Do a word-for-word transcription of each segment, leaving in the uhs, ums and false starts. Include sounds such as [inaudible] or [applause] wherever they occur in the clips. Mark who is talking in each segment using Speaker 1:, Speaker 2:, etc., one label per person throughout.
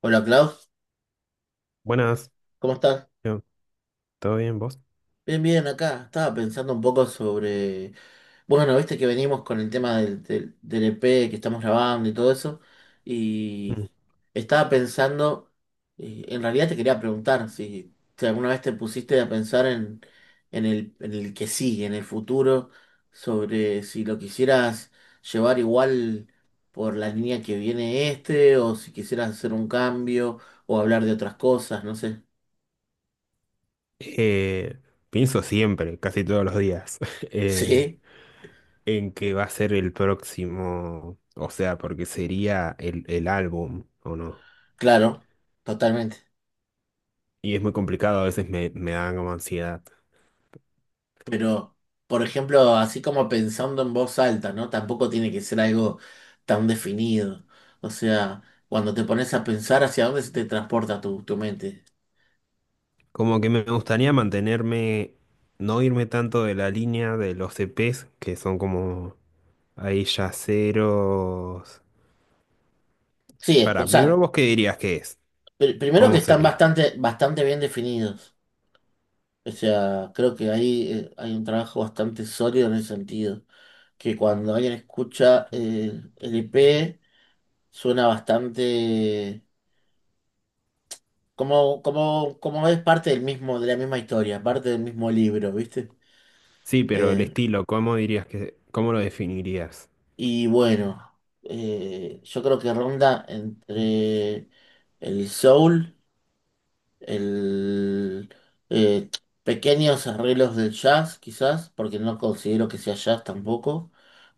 Speaker 1: Hola Klaus,
Speaker 2: Buenas,
Speaker 1: ¿cómo estás?
Speaker 2: yo, ¿todo bien vos?
Speaker 1: Bien, bien, acá. Estaba pensando un poco sobre... Bueno, viste que venimos con el tema del, del, del E P que estamos grabando y todo eso.
Speaker 2: Mm.
Speaker 1: Y estaba pensando, eh, en realidad te quería preguntar si, si alguna vez te pusiste a pensar en, en el, en el que sigue, en el futuro, sobre si lo quisieras llevar igual por la línea que viene este, o si quisieras hacer un cambio, o hablar de otras cosas, no sé.
Speaker 2: Eh, Pienso siempre, casi todos los días, [laughs]
Speaker 1: [laughs]
Speaker 2: eh,
Speaker 1: ¿Sí?
Speaker 2: en que va a ser el próximo, o sea, porque sería el, el álbum, ¿o no?
Speaker 1: Claro, totalmente.
Speaker 2: Y es muy complicado, a veces me, me da como ansiedad.
Speaker 1: Pero, por ejemplo, así como pensando en voz alta, ¿no? Tampoco tiene que ser algo tan definido. O sea, cuando te pones a pensar hacia dónde se te transporta tu, tu mente.
Speaker 2: Como que me gustaría mantenerme, no irme tanto de la línea de los E Pes, que son como ahí yaceros.
Speaker 1: Sí, o
Speaker 2: Para, primero
Speaker 1: sea,
Speaker 2: vos qué dirías que es,
Speaker 1: pr- primero que
Speaker 2: ¿cómo
Speaker 1: están
Speaker 2: sería?
Speaker 1: bastante, bastante bien definidos. O sea, creo que ahí eh, hay un trabajo bastante sólido en ese sentido. Que cuando alguien escucha eh, el E P, suena bastante. Como, como, como es parte del mismo, de la misma historia, parte del mismo libro, ¿viste?
Speaker 2: Sí, pero el
Speaker 1: Eh,
Speaker 2: estilo, ¿cómo dirías que, cómo lo definirías?
Speaker 1: y bueno, eh, yo creo que ronda entre el soul, el eh, pequeños arreglos del jazz, quizás, porque no considero que sea jazz tampoco,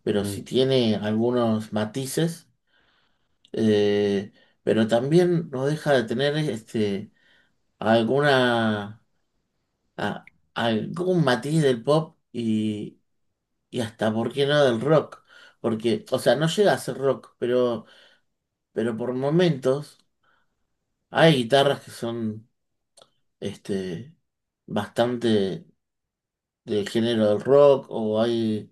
Speaker 1: pero
Speaker 2: Mm.
Speaker 1: sí tiene algunos matices, eh, pero también no deja de tener este alguna a algún matiz del pop y, y hasta, ¿por qué no del rock? Porque, o sea, no llega a ser rock, pero, pero por momentos hay guitarras que son este, bastante del género del rock o hay,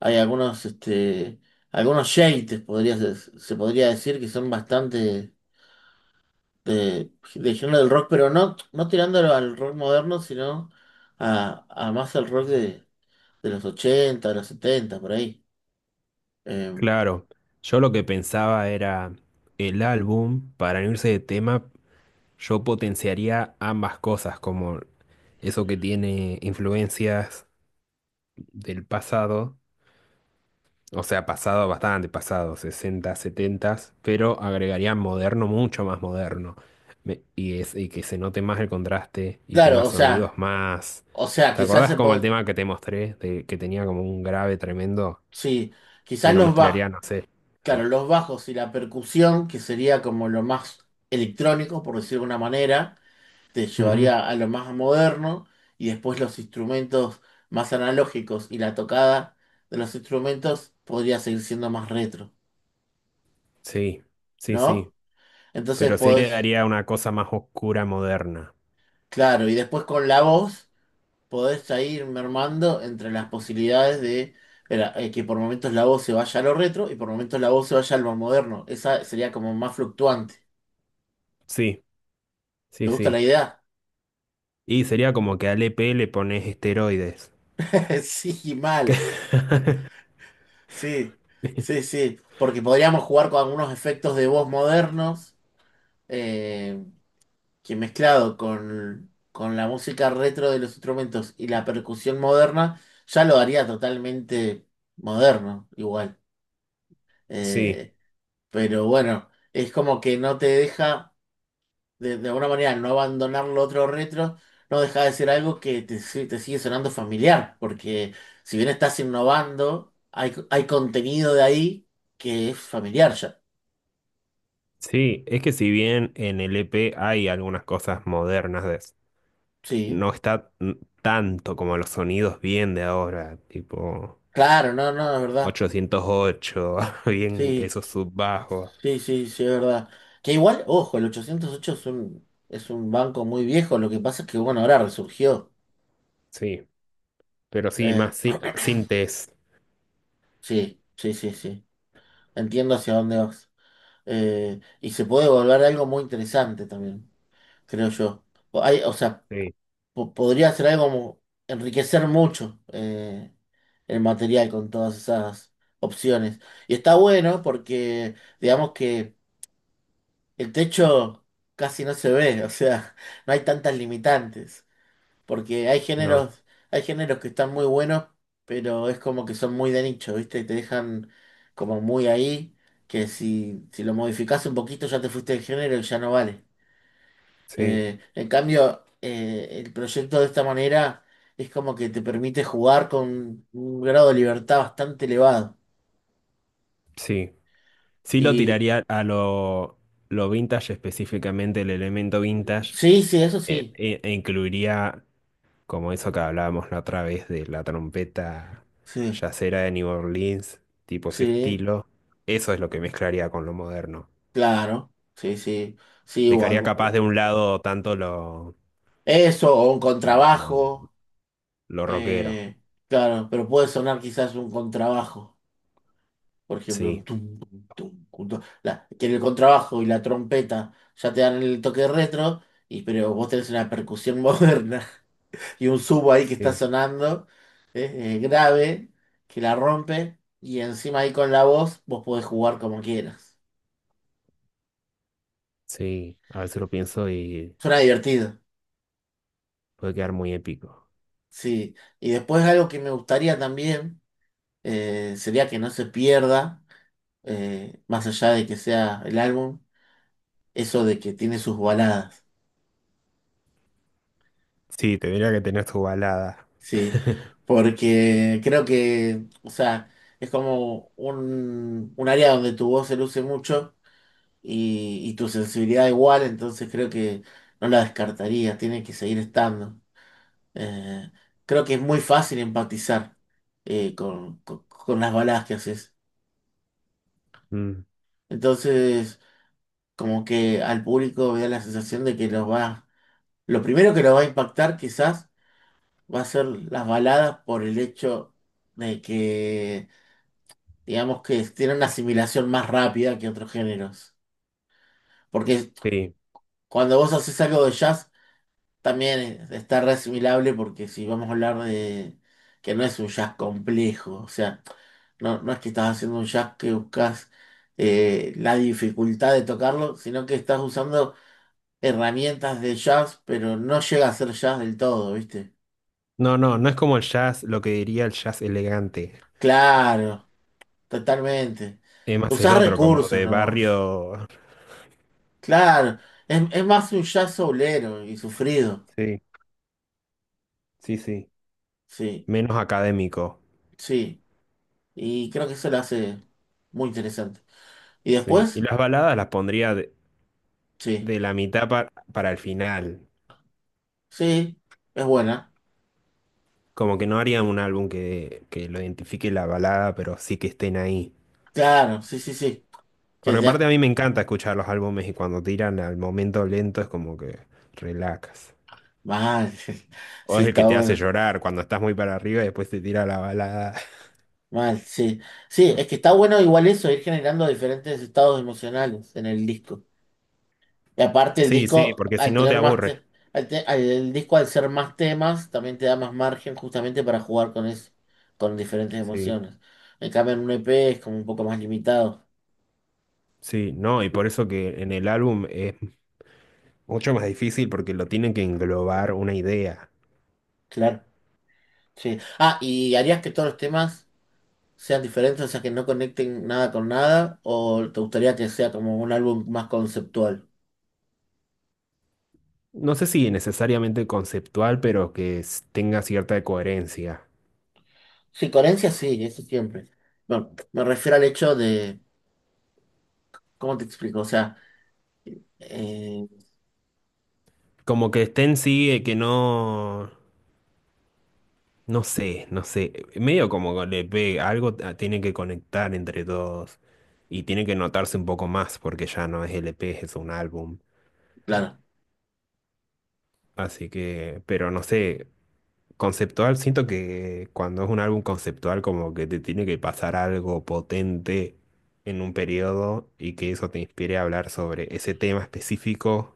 Speaker 1: hay algunos, este, algunos shades, podría, ser- se podría decir, que son bastante de, de género del rock, pero no, no tirándolo al rock moderno, sino a, a más al rock de, de los ochenta de los setenta por ahí. Eh,
Speaker 2: Claro, yo lo que pensaba era el álbum, para no irse de tema, yo potenciaría ambas cosas, como eso que tiene influencias del pasado, o sea, pasado bastante pasado, sesenta, setenta, pero agregaría moderno, mucho más moderno. Me- y, es, y que se note más el contraste y
Speaker 1: claro,
Speaker 2: tenga
Speaker 1: o
Speaker 2: sonidos
Speaker 1: sea,
Speaker 2: más.
Speaker 1: o sea,
Speaker 2: ¿Te
Speaker 1: quizás
Speaker 2: acordás
Speaker 1: se
Speaker 2: como el
Speaker 1: po-
Speaker 2: tema que te mostré, de, que tenía como un grave tremendo
Speaker 1: sí,
Speaker 2: y
Speaker 1: quizás
Speaker 2: lo
Speaker 1: los bajos,
Speaker 2: mezclaría, no sé?
Speaker 1: claro,
Speaker 2: ¿Ahí?
Speaker 1: los bajos y la percusión, que sería como lo más electrónico, por decirlo de una manera, te llevaría a lo más moderno, y después los instrumentos más analógicos y la tocada de los instrumentos podría seguir siendo más retro,
Speaker 2: Sí, sí,
Speaker 1: ¿no?
Speaker 2: sí.
Speaker 1: Entonces
Speaker 2: Pero sí le
Speaker 1: podés,
Speaker 2: daría una cosa más oscura moderna.
Speaker 1: claro, y después con la voz. Podés ya ir mermando entre las posibilidades de era, eh, que por momentos la voz se vaya a lo retro y por momentos la voz se vaya a lo moderno. Esa sería como más fluctuante.
Speaker 2: Sí,
Speaker 1: ¿Te
Speaker 2: sí,
Speaker 1: gusta la
Speaker 2: sí.
Speaker 1: idea?
Speaker 2: Y sería como que al E P le pones esteroides.
Speaker 1: [laughs] Sí, mal. Sí, sí, sí. Porque podríamos jugar con algunos efectos de voz modernos eh, que mezclado con, con la música retro de los instrumentos y la percusión moderna, ya lo haría totalmente moderno, igual.
Speaker 2: Sí,
Speaker 1: Eh, Pero bueno, es como que no te deja, de, de alguna manera, no abandonar lo otro retro, no deja de ser algo que te, si- te sigue sonando familiar, porque si bien estás innovando, hay, hay contenido de ahí que es familiar ya.
Speaker 2: sí. Es que si bien en el E P hay algunas cosas modernas, de-
Speaker 1: Sí,
Speaker 2: no está n- tanto como los sonidos bien de ahora, tipo
Speaker 1: claro, no, no, es verdad.
Speaker 2: ochocientos ocho, [laughs] bien
Speaker 1: Sí,
Speaker 2: esos subbajos.
Speaker 1: sí, sí, sí, es verdad. Que igual, ojo, el ochocientos ocho es un, es un banco muy viejo, lo que pasa es que, bueno, ahora resurgió.
Speaker 2: Sí, pero sí,
Speaker 1: Eh,
Speaker 2: más sí, sintes.
Speaker 1: sí, sí, sí, sí. Entiendo hacia dónde vas. Eh, y se puede volver algo muy interesante también, creo yo. O Hay, o sea,
Speaker 2: Sí,
Speaker 1: po- Podría ser algo como enriquecer mucho eh, el material con todas esas opciones. Y está bueno porque, digamos que el techo casi no se ve, o sea, [laughs] no hay tantas limitantes. Porque hay
Speaker 2: no,
Speaker 1: géneros, hay géneros que están muy buenos, pero es como que son muy de nicho, ¿viste? Y te dejan como muy ahí, que si, si lo modificás un poquito ya te fuiste del género y ya no vale.
Speaker 2: sí,
Speaker 1: Eh, en cambio, eh, el proyecto de esta manera es como que te permite jugar con un grado de libertad bastante elevado.
Speaker 2: sí. Sí lo
Speaker 1: Y
Speaker 2: tiraría a lo, lo vintage, específicamente el elemento vintage,
Speaker 1: sí, sí, eso
Speaker 2: eh,
Speaker 1: sí.
Speaker 2: e, e incluiría como eso que hablábamos la otra vez de la trompeta
Speaker 1: Sí,
Speaker 2: yacera de New Orleans, tipo ese
Speaker 1: sí,
Speaker 2: estilo. Eso es lo que mezclaría con lo moderno.
Speaker 1: claro. Sí, sí. Sí, o
Speaker 2: Dejaría
Speaker 1: algo.
Speaker 2: capaz
Speaker 1: o-
Speaker 2: de un lado tanto lo,
Speaker 1: Eso, o un
Speaker 2: lo,
Speaker 1: contrabajo.
Speaker 2: lo rockero.
Speaker 1: Eh, claro, pero puede sonar quizás un contrabajo, por ejemplo, un
Speaker 2: Sí,
Speaker 1: tum, tum, tum, un tum. La- que el contrabajo y la trompeta ya te dan el toque retro, y, pero vos tenés una percusión [laughs] moderna y un subo ahí que está
Speaker 2: sí,
Speaker 1: sonando eh, eh, grave, que la rompe, y encima ahí con la voz vos podés jugar como quieras.
Speaker 2: sí. A veces lo pienso y
Speaker 1: Suena divertido,
Speaker 2: puede quedar muy épico.
Speaker 1: sí. Y después algo que me gustaría también eh, sería que no se pierda, eh, más allá de que sea el álbum. Eso de que tiene sus baladas,
Speaker 2: Sí, tendría que tener tu balada.
Speaker 1: sí, porque creo que, o sea, es como un, un área donde tu voz se luce mucho y, y tu sensibilidad igual, entonces creo que no la descartaría, tiene que seguir estando. Eh, Creo que es muy fácil empatizar eh, con, con- con las baladas que haces.
Speaker 2: Mm,
Speaker 1: Entonces, como que al público me da la sensación de que los va, lo primero que lo va a impactar quizás va a ser las baladas por el hecho de que, digamos que tienen una asimilación más rápida que otros géneros. Porque
Speaker 2: sí.
Speaker 1: cuando vos haces algo de jazz, también está re asimilable porque si vamos a hablar de que no es un jazz complejo, o sea, no, no es que estás haciendo un jazz que buscas eh, la dificultad de tocarlo, sino que estás usando herramientas de jazz, pero no llega a ser jazz del todo, ¿viste?
Speaker 2: No, no, no es como el jazz, lo que diría el jazz elegante.
Speaker 1: Claro. Totalmente.
Speaker 2: Es más el
Speaker 1: Usar
Speaker 2: otro, como
Speaker 1: recursos
Speaker 2: de
Speaker 1: nomás.
Speaker 2: barrio.
Speaker 1: Claro, es, es más un jazz soulero y sufrido.
Speaker 2: Sí, sí, sí.
Speaker 1: Sí,
Speaker 2: Menos académico.
Speaker 1: sí. Y creo que eso lo hace muy interesante. ¿Y
Speaker 2: Sí. Y
Speaker 1: después?
Speaker 2: las baladas las pondría de,
Speaker 1: Sí,
Speaker 2: de la mitad pa- para el final.
Speaker 1: sí, es buena.
Speaker 2: Como que no haría un álbum que, que lo identifique la balada, pero sí que estén ahí.
Speaker 1: Claro, sí, sí, sí. Que
Speaker 2: Porque aparte
Speaker 1: ya,
Speaker 2: a mí me encanta escuchar los álbumes y cuando tiran al momento lento es como que relajas.
Speaker 1: mal. [laughs]
Speaker 2: O
Speaker 1: Sí,
Speaker 2: es el que
Speaker 1: está
Speaker 2: te hace
Speaker 1: bueno.
Speaker 2: llorar cuando estás muy para arriba y después te tira la balada.
Speaker 1: Mal, sí. Sí, es que está bueno igual eso, ir generando diferentes estados emocionales en el disco. Y aparte el
Speaker 2: Sí, sí,
Speaker 1: disco,
Speaker 2: porque si
Speaker 1: al
Speaker 2: no te
Speaker 1: tener más
Speaker 2: aburre.
Speaker 1: te- al te- al- el disco al ser más temas, también te da más margen justamente para jugar con eso, con diferentes
Speaker 2: Sí.
Speaker 1: emociones. En cambio, en un E P es como un poco más limitado,
Speaker 2: Sí, no, y por eso que en el álbum es mucho más difícil porque lo tienen que englobar una idea.
Speaker 1: claro. Sí. Ah, ¿y harías que todos los temas sean diferentes, o sea, que no conecten nada con nada? ¿O te gustaría que sea como un álbum más conceptual?
Speaker 2: No sé si necesariamente conceptual, pero que s- tenga cierta coherencia.
Speaker 1: Sí, coherencia sí, eso siempre. Bueno, me refiero al hecho de, ¿cómo te explico? O sea, eh,
Speaker 2: Como que estén sigue, que no, no sé, no sé. eh, Medio como le pega, algo t- tiene que conectar entre todos y tiene que notarse un poco más porque ya no es L P, es un álbum.
Speaker 1: claro,
Speaker 2: Así que, pero no sé, conceptual, siento que cuando es un álbum conceptual como que te tiene que pasar algo potente en un periodo y que eso te inspire a hablar sobre ese tema específico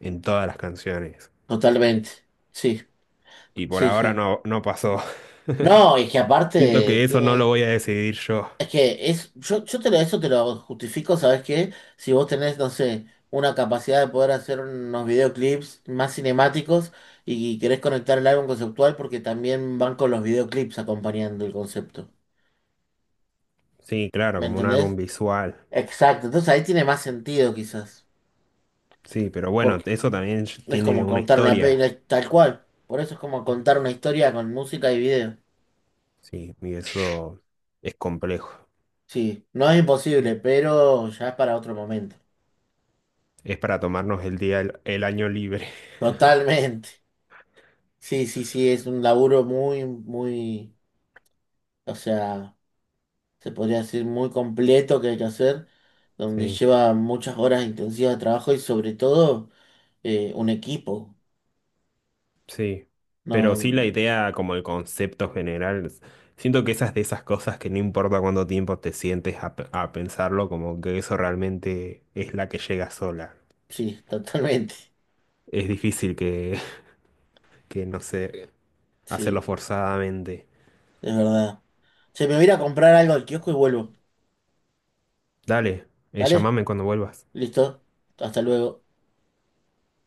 Speaker 2: en todas las canciones.
Speaker 1: totalmente. Sí,
Speaker 2: Y por
Speaker 1: sí,
Speaker 2: ahora
Speaker 1: sí.
Speaker 2: no, no pasó. [laughs]
Speaker 1: No, es que
Speaker 2: Siento
Speaker 1: aparte
Speaker 2: que eso no lo
Speaker 1: tiene.
Speaker 2: voy a decidir yo.
Speaker 1: Es que es. Yo, yo te lo, eso te lo justifico, ¿sabes qué? Si vos tenés, no sé, una capacidad de poder hacer unos videoclips más cinemáticos y querés conectar el álbum conceptual porque también van con los videoclips acompañando el concepto.
Speaker 2: Sí, claro,
Speaker 1: ¿Me
Speaker 2: como un álbum
Speaker 1: entendés?
Speaker 2: visual.
Speaker 1: Exacto. Entonces ahí tiene más sentido quizás.
Speaker 2: Sí, pero bueno,
Speaker 1: Porque
Speaker 2: eso también
Speaker 1: es
Speaker 2: tiene
Speaker 1: como
Speaker 2: una
Speaker 1: contar una
Speaker 2: historia.
Speaker 1: peli tal cual. Por eso es como contar una historia con música y video.
Speaker 2: Sí, y eso es complejo.
Speaker 1: Sí, no es imposible, pero ya es para otro momento.
Speaker 2: Es para tomarnos el día, el el año libre.
Speaker 1: Totalmente. Sí, sí, sí, es un laburo muy, muy, o sea, se podría decir muy completo que hay que hacer, donde
Speaker 2: Sí,
Speaker 1: lleva muchas horas intensivas de trabajo y sobre todo eh, un equipo.
Speaker 2: sí. Pero sí
Speaker 1: No,
Speaker 2: la idea, como el concepto general, es. Siento que esas de esas cosas que no importa cuánto tiempo te sientes a, pe- a pensarlo, como que eso realmente es la que llega sola.
Speaker 1: sí, [laughs] totalmente.
Speaker 2: Es difícil que, [laughs] que no sé, hacerlo
Speaker 1: Sí,
Speaker 2: forzadamente.
Speaker 1: es verdad. Se me voy a ir a comprar algo al kiosco y vuelvo.
Speaker 2: Dale, eh,
Speaker 1: ¿Vale?
Speaker 2: llámame cuando vuelvas.
Speaker 1: Listo. Hasta luego.